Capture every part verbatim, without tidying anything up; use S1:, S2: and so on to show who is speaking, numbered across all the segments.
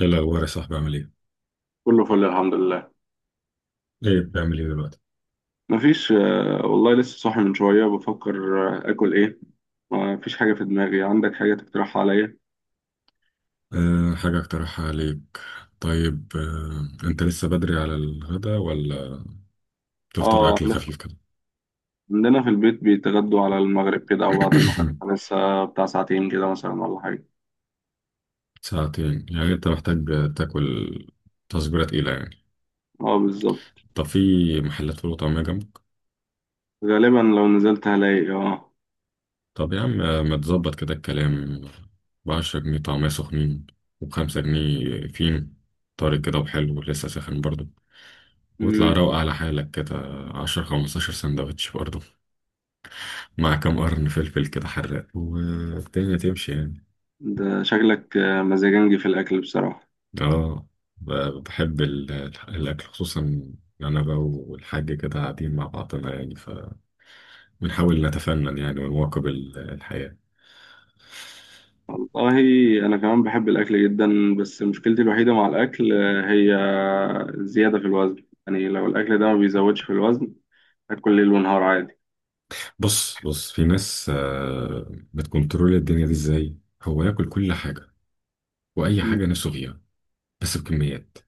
S1: ايه الاخبار يا صاحبي، عامل ايه؟
S2: كله فل، الحمد لله.
S1: ايه بتعمل ايه دلوقتي؟
S2: مفيش. آه، والله لسه صاحي من شوية بفكر. آه، آكل إيه؟ مفيش حاجة في دماغي. عندك حاجة تقترحها عليا؟
S1: أه، حاجه اقترحها عليك. طيب، أه انت لسه بدري على الغدا، ولا تفطر
S2: آه
S1: اكل
S2: عند-
S1: خفيف كده؟
S2: عندنا في البيت بيتغدوا على المغرب كده أو بعد المغرب، لسه بتاع ساعتين كده مثلا ولا حاجة.
S1: ساعتين، يعني انت محتاج تاكل تصبيره تقيله يعني.
S2: آه، بالظبط.
S1: طب في محلات فول وطعميه جنبك.
S2: غالبا لو نزلت هلاقي آه
S1: طب يا عم، آه، ما تظبط كده الكلام بعشرة جنيه طعميه سخنين، وبخمسة جنيه فين طارق كده، وحلو لسه ساخن برضه. واطلع
S2: مم.
S1: روق على حالك كده، عشر خمستاشر سندوتش برضه، مع كام قرن فلفل كده حراق، والدنيا تمشي يعني.
S2: ده شكلك آه، مزاجنجي في الأكل بصراحة.
S1: اه، ب- بحب ال- الأكل، خصوصا إن أنا بقى والحاج كده قاعدين مع بعضنا يعني، فبنحاول نتفنن يعني ونواكب ال- الحياة.
S2: والله أنا كمان بحب الأكل جدا، بس مشكلتي الوحيدة مع الأكل آه، هي الزيادة في الوزن. يعني لو الأكل ده ما بيزودش في الوزن، اكل ليل ونهار عادي.
S1: بص بص، في ناس آه، بتكنترول الدنيا دي ازاي، هو ياكل كل حاجة وأي حاجة نفسه فيها، بس بكميات.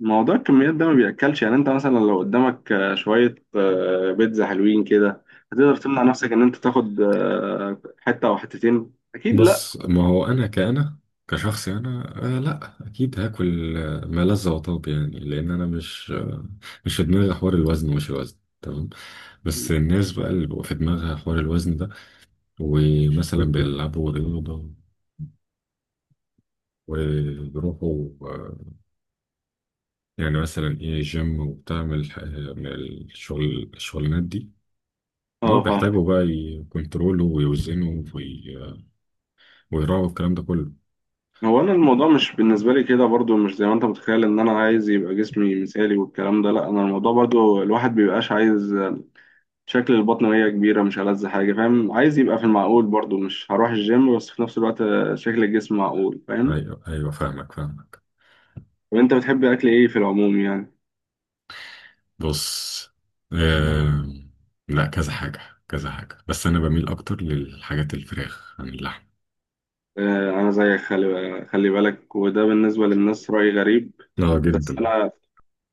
S2: موضوع الكميات ده ما بياكلش. يعني انت مثلا لو قدامك آه، شويه آه، بيتزا حلوين كده، هتقدر تمنع نفسك ان انت تاخد آه، حته او حتتين؟ اكيد لا.
S1: بص، ما هو انا كأنا كشخص، انا آه لا اكيد هاكل آه، ما لذ وطاب يعني، لان انا مش آه مش في دماغي حوار الوزن، ومش الوزن تمام. بس الناس بقى اللي بيبقى في دماغها حوار الوزن ده، ومثلا بيلعبوا رياضة وبيروحوا، آه، يعني مثلا ايه جيم، وبتعمل ح- من الشغل الشغلانات دي. إن هو
S2: اه، فاهم.
S1: بيحتاجوا بقى يكنترولوا ويوزنوا وي- ويراعوا الكلام ده كله.
S2: هو انا الموضوع مش بالنسبه لي كده، برضو مش زي ما انت متخيل ان انا عايز يبقى جسمي مثالي والكلام ده، لا. انا الموضوع برضو الواحد بيبقاش عايز شكل البطن وهي كبيره، مش ألذ حاجه، فاهم؟ عايز يبقى في المعقول برضو، مش هروح الجيم، بس في نفس الوقت آه، شكل الجسم معقول، فاهم؟
S1: ايوه ايوه، فاهمك فاهمك.
S2: طب انت بتحب اكل ايه في العموم يعني؟
S1: بص، آه... لا كذا حاجة، كذا حاجة، بس أنا بميل أكتر للحاجات الفراخ عن اللحم.
S2: آه، أنا زيك، خلي خلي بالك، وده بالنسبة للناس رأي غريب.
S1: اه
S2: بس
S1: جدا.
S2: أنا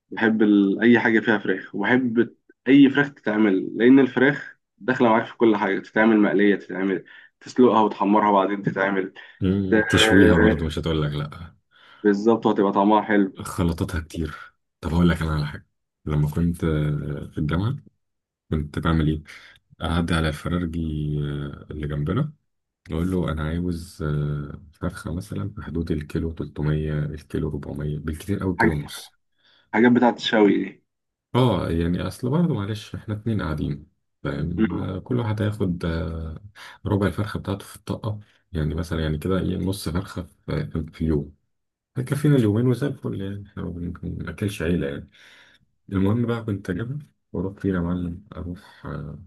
S2: بحب ال... أي حاجة فيها فراخ، وبحب أي فراخ تتعمل، لأن الفراخ داخلة معاك في كل حاجة. تتعمل مقلية، تتعمل تسلقها وتحمرها وبعدين تتعمل ت...
S1: مم، تشويها برضه، مش هتقول لك لا.
S2: بالظبط، وهتبقى طعمها حلو.
S1: خلطاتها كتير. طب هقول لك أنا على حاجة. لما كنت آه، في الجامعة، كنت بعمل إيه؟ أعدي على الفرارجي آه، اللي جنبنا، أقول له أنا عاوز آه، فرخة مثلا في حدود الكيلو ثلاثمية، الكيلو اربعمائة بالكتير أوي، كيلو
S2: حاجة-
S1: ونص.
S2: الحاجات بتاعت الشوي دي.
S1: اه يعني اصل برضه، معلش احنا اتنين قاعدين فاهم،
S2: مم.
S1: آه، كل واحد هياخد آه، ربع الفرخه بتاعته في الطاقه، يعني مثلا يعني كده ايه، نص فرخه في في اليوم هيكفينا اليومين، وزي الفل يعني، احنا ما بن- ما بناكلش عيله يعني. المهم بقى، كنت اجيبها واروح فين يا معلم؟ اروح آه،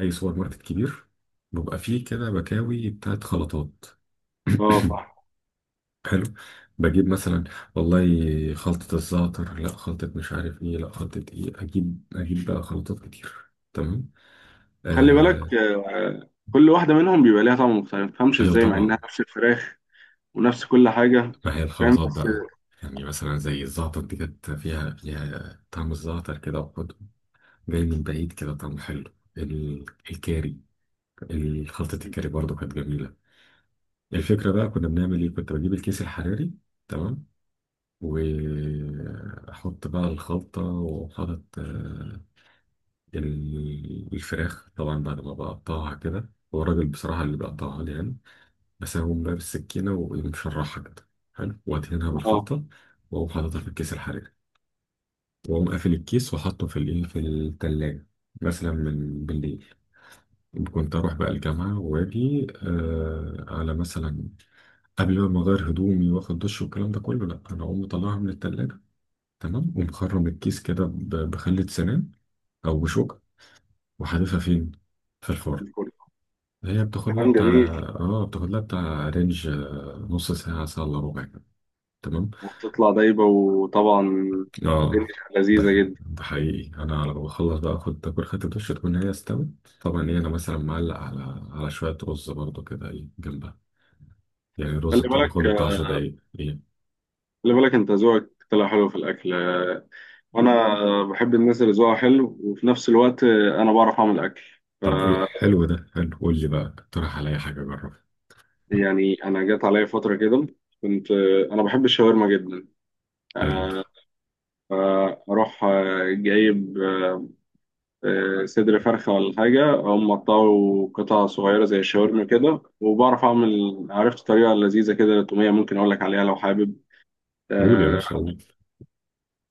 S1: اي سوبر ماركت كبير، بيبقى فيه كده بكاوي بتاعت خلطات.
S2: اه، صح.
S1: حلو، بجيب مثلا والله خلطة الزعتر، لا خلطة مش عارف ايه، لا خلطة ايه، اجيب اجيب بقى خلطات كتير. تمام.
S2: وخلي بالك
S1: آه
S2: آه، كل واحدة منهم بيبقى ليها طعم مختلف، ما تفهمش
S1: ايوه
S2: ازاي مع
S1: طبعا.
S2: إنها نفس الفراخ ونفس كل حاجة.
S1: ما هي
S2: فاهم؟
S1: الخلطات
S2: بس
S1: بقى. يعني مثلا زي الزعتر دي كانت فيها فيها طعم الزعتر كده، وحده جاي من بعيد كده طعمه حلو، ال- الكاري. خلطة الكاري برضو كانت جميلة. الفكرة بقى، كنا بنعمل ايه؟ كنت بجيب الكيس الحراري تمام، واحط بقى الخلطة، وحاطط آه، ال- الفراخ طبعا، بعد ما بقطعها كده، هو الراجل بصراحة اللي بيقطعها لي يعني، بس أنا بقوم بقى بالسكينة، ومشرحها كده حلو، وأدهنها
S2: اه، آه،
S1: بالخلطة، وأقوم حاططها في الكيس الحراري، وأقوم قافل الكيس، وأحطه في الإيه، في التلاجة، مثلا من بالليل. كنت أروح بقى الجامعة وأجي آه على مثلا، قبل بقى ما أغير هدومي وآخد دش والكلام ده كله، لأ، أنا أقوم مطلعها من التلاجة تمام، ومخرم الكيس كده ب- بخلة سنان، أو بشوكة، وحادفها فين؟ في الفرن. هي بتاخد لها
S2: كلام
S1: بتاع،
S2: جميل.
S1: اه بتاخد لها بتاع رينج، آه، نص ساعة، ساعة إلا ربع كده تمام.
S2: وبتطلع دايبة، وطبعا الدنيا
S1: اه،
S2: لذيذة
S1: ده
S2: جدا.
S1: ده حقيقي، أنا على ما بخلص بقى آخد تاكل خدت دش، تكون هي استوت. طبعا إيه، أنا مثلا معلق على على شوية رز برضه كده إيه جنبها، يعني
S2: خلي
S1: الرز بتاع بياخد بتاع
S2: بالك
S1: 10 دقايق إيه.
S2: خلي بالك انت ذوقك طلع حلو في الأكل، وأنا بحب الناس اللي ذوقها حلو، وفي نفس الوقت أنا بعرف أعمل أكل. ف،
S1: طب إيه حلو ده، حلو قول لي بقى، اقترح عليا حاجة أجربها.
S2: يعني أنا جات عليا فترة كده كنت أنا بحب الشاورما جدا.
S1: حلو،
S2: آه، فأروح آه، جايب آه، صدر فرخة ولا حاجة، أقوم مقطعه قطع صغيرة زي الشاورما كده. وبعرف أعمل، عرفت طريقة لذيذة كده للتومية، ممكن أقول لك عليها لو حابب.
S1: قول يا
S2: آه،
S1: باشا قول.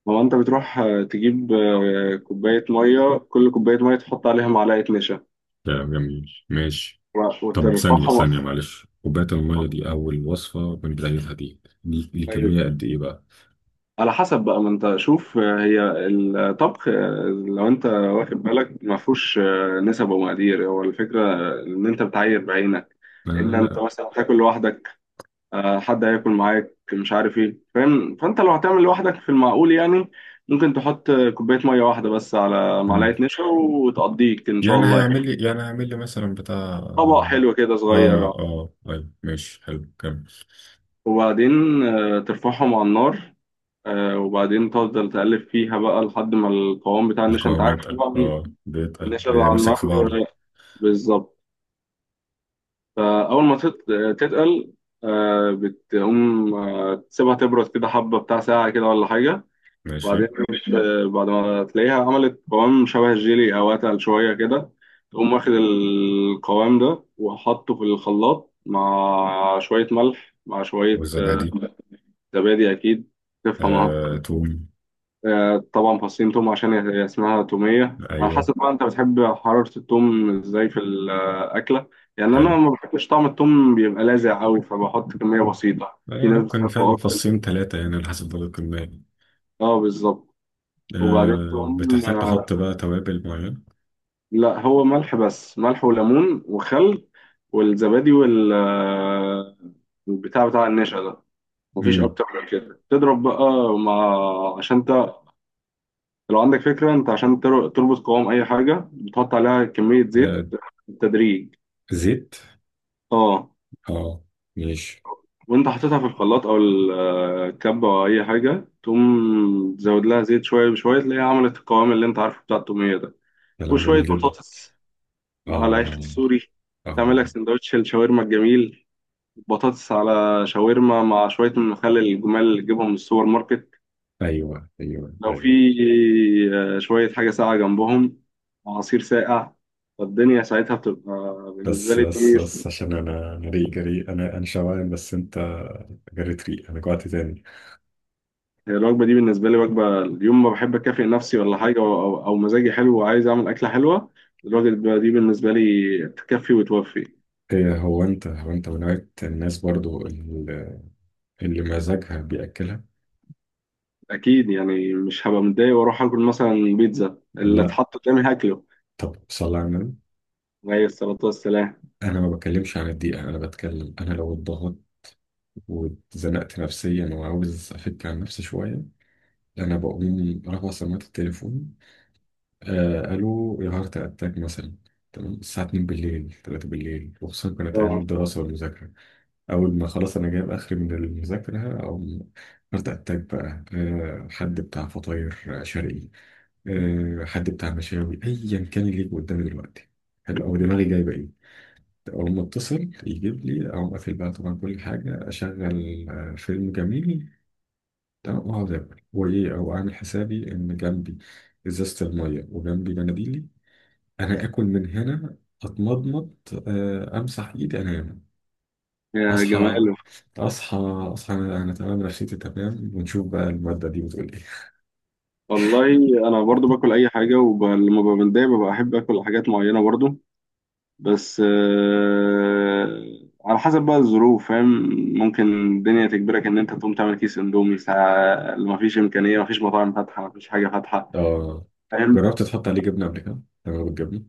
S2: هو انت بتروح آه، تجيب آه، كوباية مية، كل كوباية مية تحط عليها معلقة نشا
S1: ده جميل، ماشي.
S2: و-
S1: طب ثانية
S2: وترفعها.
S1: ثانية معلش، كوباية المية
S2: م-
S1: دي أول وصفة بنجهزها، دي دي دي
S2: أيوة.
S1: كمية قد إيه بقى؟
S2: على حسب بقى، ما انت شوف، آه، هي الطبخ آه، لو انت واخد بالك ما فيهوش آه، نسب ومقادير، هو الفكرة آه، ان انت بتعاير بعينك.
S1: لا
S2: ان انت
S1: لا.
S2: مثلا هتاكل لوحدك، آه، حد هياكل معاك، مش عارف ايه، فاهم؟ فانت لو هتعمل لوحدك في المعقول يعني، ممكن تحط آه، كوباية مية واحدة بس على
S1: مم.
S2: معلقة نشا، وتقضيك ان شاء
S1: يعني
S2: الله يعني.
S1: هيعمل لي، يعني هيعمل لي مثلا بتاع
S2: طبق حلو كده
S1: اه.
S2: صغير، آه.
S1: اه طيب ماشي حلو، كمل.
S2: وبعدين آه، ترفعهم على النار آه، وبعدين تفضل تقلب فيها بقى لحد ما القوام بتاع النشا، انت
S1: القوام
S2: عارف
S1: يتقل،
S2: طبعا
S1: اه بيتقل،
S2: النشا اللي على
S1: بيمسك
S2: النار،
S1: في بعضه.
S2: آه، بالظبط. فأول ما تت- تتقل، آه، بتقوم آه، تسيبها تبرد كده حبة، بتاع ساعة كده ولا حاجة.
S1: ماشي.
S2: وبعدين آه، بعد ما تلاقيها عملت قوام شبه الجيلي أو أتقل شوية كده، تقوم واخد القوام ده وحطه في الخلاط، مع شوية ملح، مع شوية
S1: والزبادي.
S2: زبادي اكيد، تفهمها.
S1: آه توم.
S2: آه، آه، طبعا فصين توم، عشان هي اسمها توميه. على
S1: ايوه.
S2: حسب بقى انت بتحب حراره التوم ازاي في الاكله. يعني
S1: حلو،
S2: انا ما بحبش طعم التوم بيبقى لاذع قوي، فبحط كميه بسيطه،
S1: آه،
S2: في
S1: يعني
S2: ناس
S1: ممكن
S2: بتحبه
S1: فعلا
S2: اكتر.
S1: فصين ثلاثة يعني، على حسب برضه الكمية.
S2: اه، بالظبط. وبعدين
S1: آه،
S2: توم،
S1: بتحتاج
S2: آه،
S1: تحط بقى توابل معينة.
S2: لا، هو ملح بس، ملح وليمون وخل والزبادي وال آه، البتاع بتاع النشا ده، مفيش
S1: مم.
S2: اكتر من كده، تضرب بقى مع، عشان لو عندك فكرة انت، عشان تر- تربط قوام اي حاجة بتحط عليها كمية زيت
S1: آه
S2: بالتدريج.
S1: زيت.
S2: اه.
S1: اه. ماشي.
S2: وانت حطيتها في الخلاط او ال- آه، الكبة او اي حاجة، تقوم تزود لها زيت شوية بشوية، تلاقيها عملت القوام اللي انت عارفه بتاع التومية ده.
S1: كلام
S2: وشوية
S1: جميل جدا.
S2: بطاطس على عيش
S1: اه.
S2: سوري، تعمل لك
S1: اه.
S2: سندوتش الشاورما الجميل. بطاطس على شاورما مع شوية من المخلل الجمال اللي تجيبهم من السوبر ماركت.
S1: ايوه ايوه
S2: لو في
S1: ايوه.
S2: آه، شوية حاجة ساقعة جنبهم، عصير ساقع، فالدنيا ساعتها بتبقى بالنسبة
S1: بس
S2: لي
S1: بس
S2: دي.
S1: بس، عشان انا انا ريق جري، انا انا شوان، بس انت جريت ريق، انا جوعت تاني.
S2: هي الوجبة دي بالنسبة لي وجبة اليوم، ما بحب أكافئ نفسي ولا حاجة، أو, أو أو مزاجي حلو وعايز أعمل أكلة حلوة، الوجبة دي بالنسبة لي تكفي وتوفي.
S1: ايه، هو انت هو انت من نوعية الناس برضو اللي، اللي مزاجها بياكلها.
S2: أكيد يعني، مش هبقى متضايق وأروح آكل مثلا بيتزا، اللي
S1: لا.
S2: اتحط قدامي هاكله.
S1: طب صلى على النبي.
S2: عليه الصلاة والسلام.
S1: انا ما بتكلمش عن الدقيقة، انا بتكلم انا لو اتضغط واتزنقت نفسيا، وعاوز افك عن نفسي شوية، انا بقوم رافع سماعة التليفون، آه الو يا هارت اتاك مثلا، تمام، الساعة اتنين بالليل، تلاتة بالليل، وخصوصا كانت ايام
S2: آه،
S1: الدراسة والمذاكرة. أول ما خلاص أنا جايب آخري من المذاكرة، أو هارت أتاك بقى، آه، حد بتاع فطاير شرقي، آه، حد بتاع مشاوي، أيا كان اللي يجي قدامي دلوقتي حلو، أو دماغي جايبة إيه، أقوم أتصل يجيب لي، أقوم قافل بقى طبعا كل حاجة، أشغل آه، فيلم جميل تمام، وأقعد آكل وإيه، أو أعمل حسابي إن جنبي إزازة المية، وجنبي مناديلي، أنا آكل من هنا، أتمضمض، آه، أمسح إيدي، أنام.
S2: يا
S1: اصحى
S2: جماله.
S1: اصحى اصحى، انا تمام، نفسيتي تمام، ونشوف بقى المادة دي بتقول ايه.
S2: والله أنا برضو باكل أي حاجة، ولما ببقى متضايق ببقى أحب آكل حاجات معينة برضو، بس آه، على حسب بقى الظروف، فاهم؟ ممكن الدنيا تجبرك ان انت تقوم تعمل كيس اندومي، ساعة اللي مفيش امكانية، مفيش مطاعم فاتحة، مفيش حاجة فاتحة،
S1: اه،
S2: فاهم؟
S1: جربت تحط عليه جبنة قبل كده؟ تمام بالجبنة؟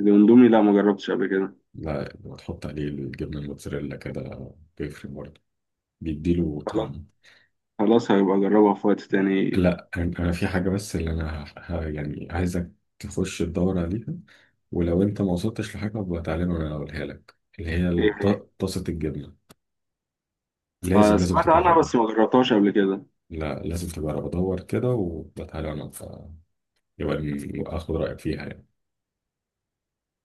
S2: الاندومي، لا، ما جربتش قبل كده.
S1: لا، وتحط عليه الجبنة الموتزاريلا كده بيفرق برضه، بيديله
S2: خلاص،
S1: طعم.
S2: خلاص، هيبقى اجربها في وقت تاني.
S1: لا انا، أنا في حاجة بس اللي انا ه... ه- يعني عايزك تخش تدور عليها، ولو انت ما وصلتش لحاجة ابقى تعالى وانا اقولها لك، اللي هي
S2: ايه هي؟
S1: الط- طاسة الجبنة.
S2: آه،
S1: لازم لازم
S2: سمعت عنها
S1: تجربها.
S2: بس ما جربتهاش قبل كده.
S1: لا لازم تجربها، دور كده وتعالى، وانا يبقى ن- اخد رايك فيها يعني.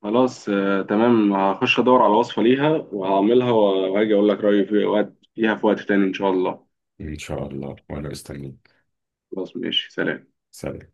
S2: خلاص آه، تمام، هخش ادور على وصفة ليها وهعملها وهاجي اقول لك رأيي في وقت فيها في وقت تاني، ان شاء الله.
S1: ان شاء الله، وانا مستنيك.
S2: خلاص، ماشي، سلام.
S1: سلام.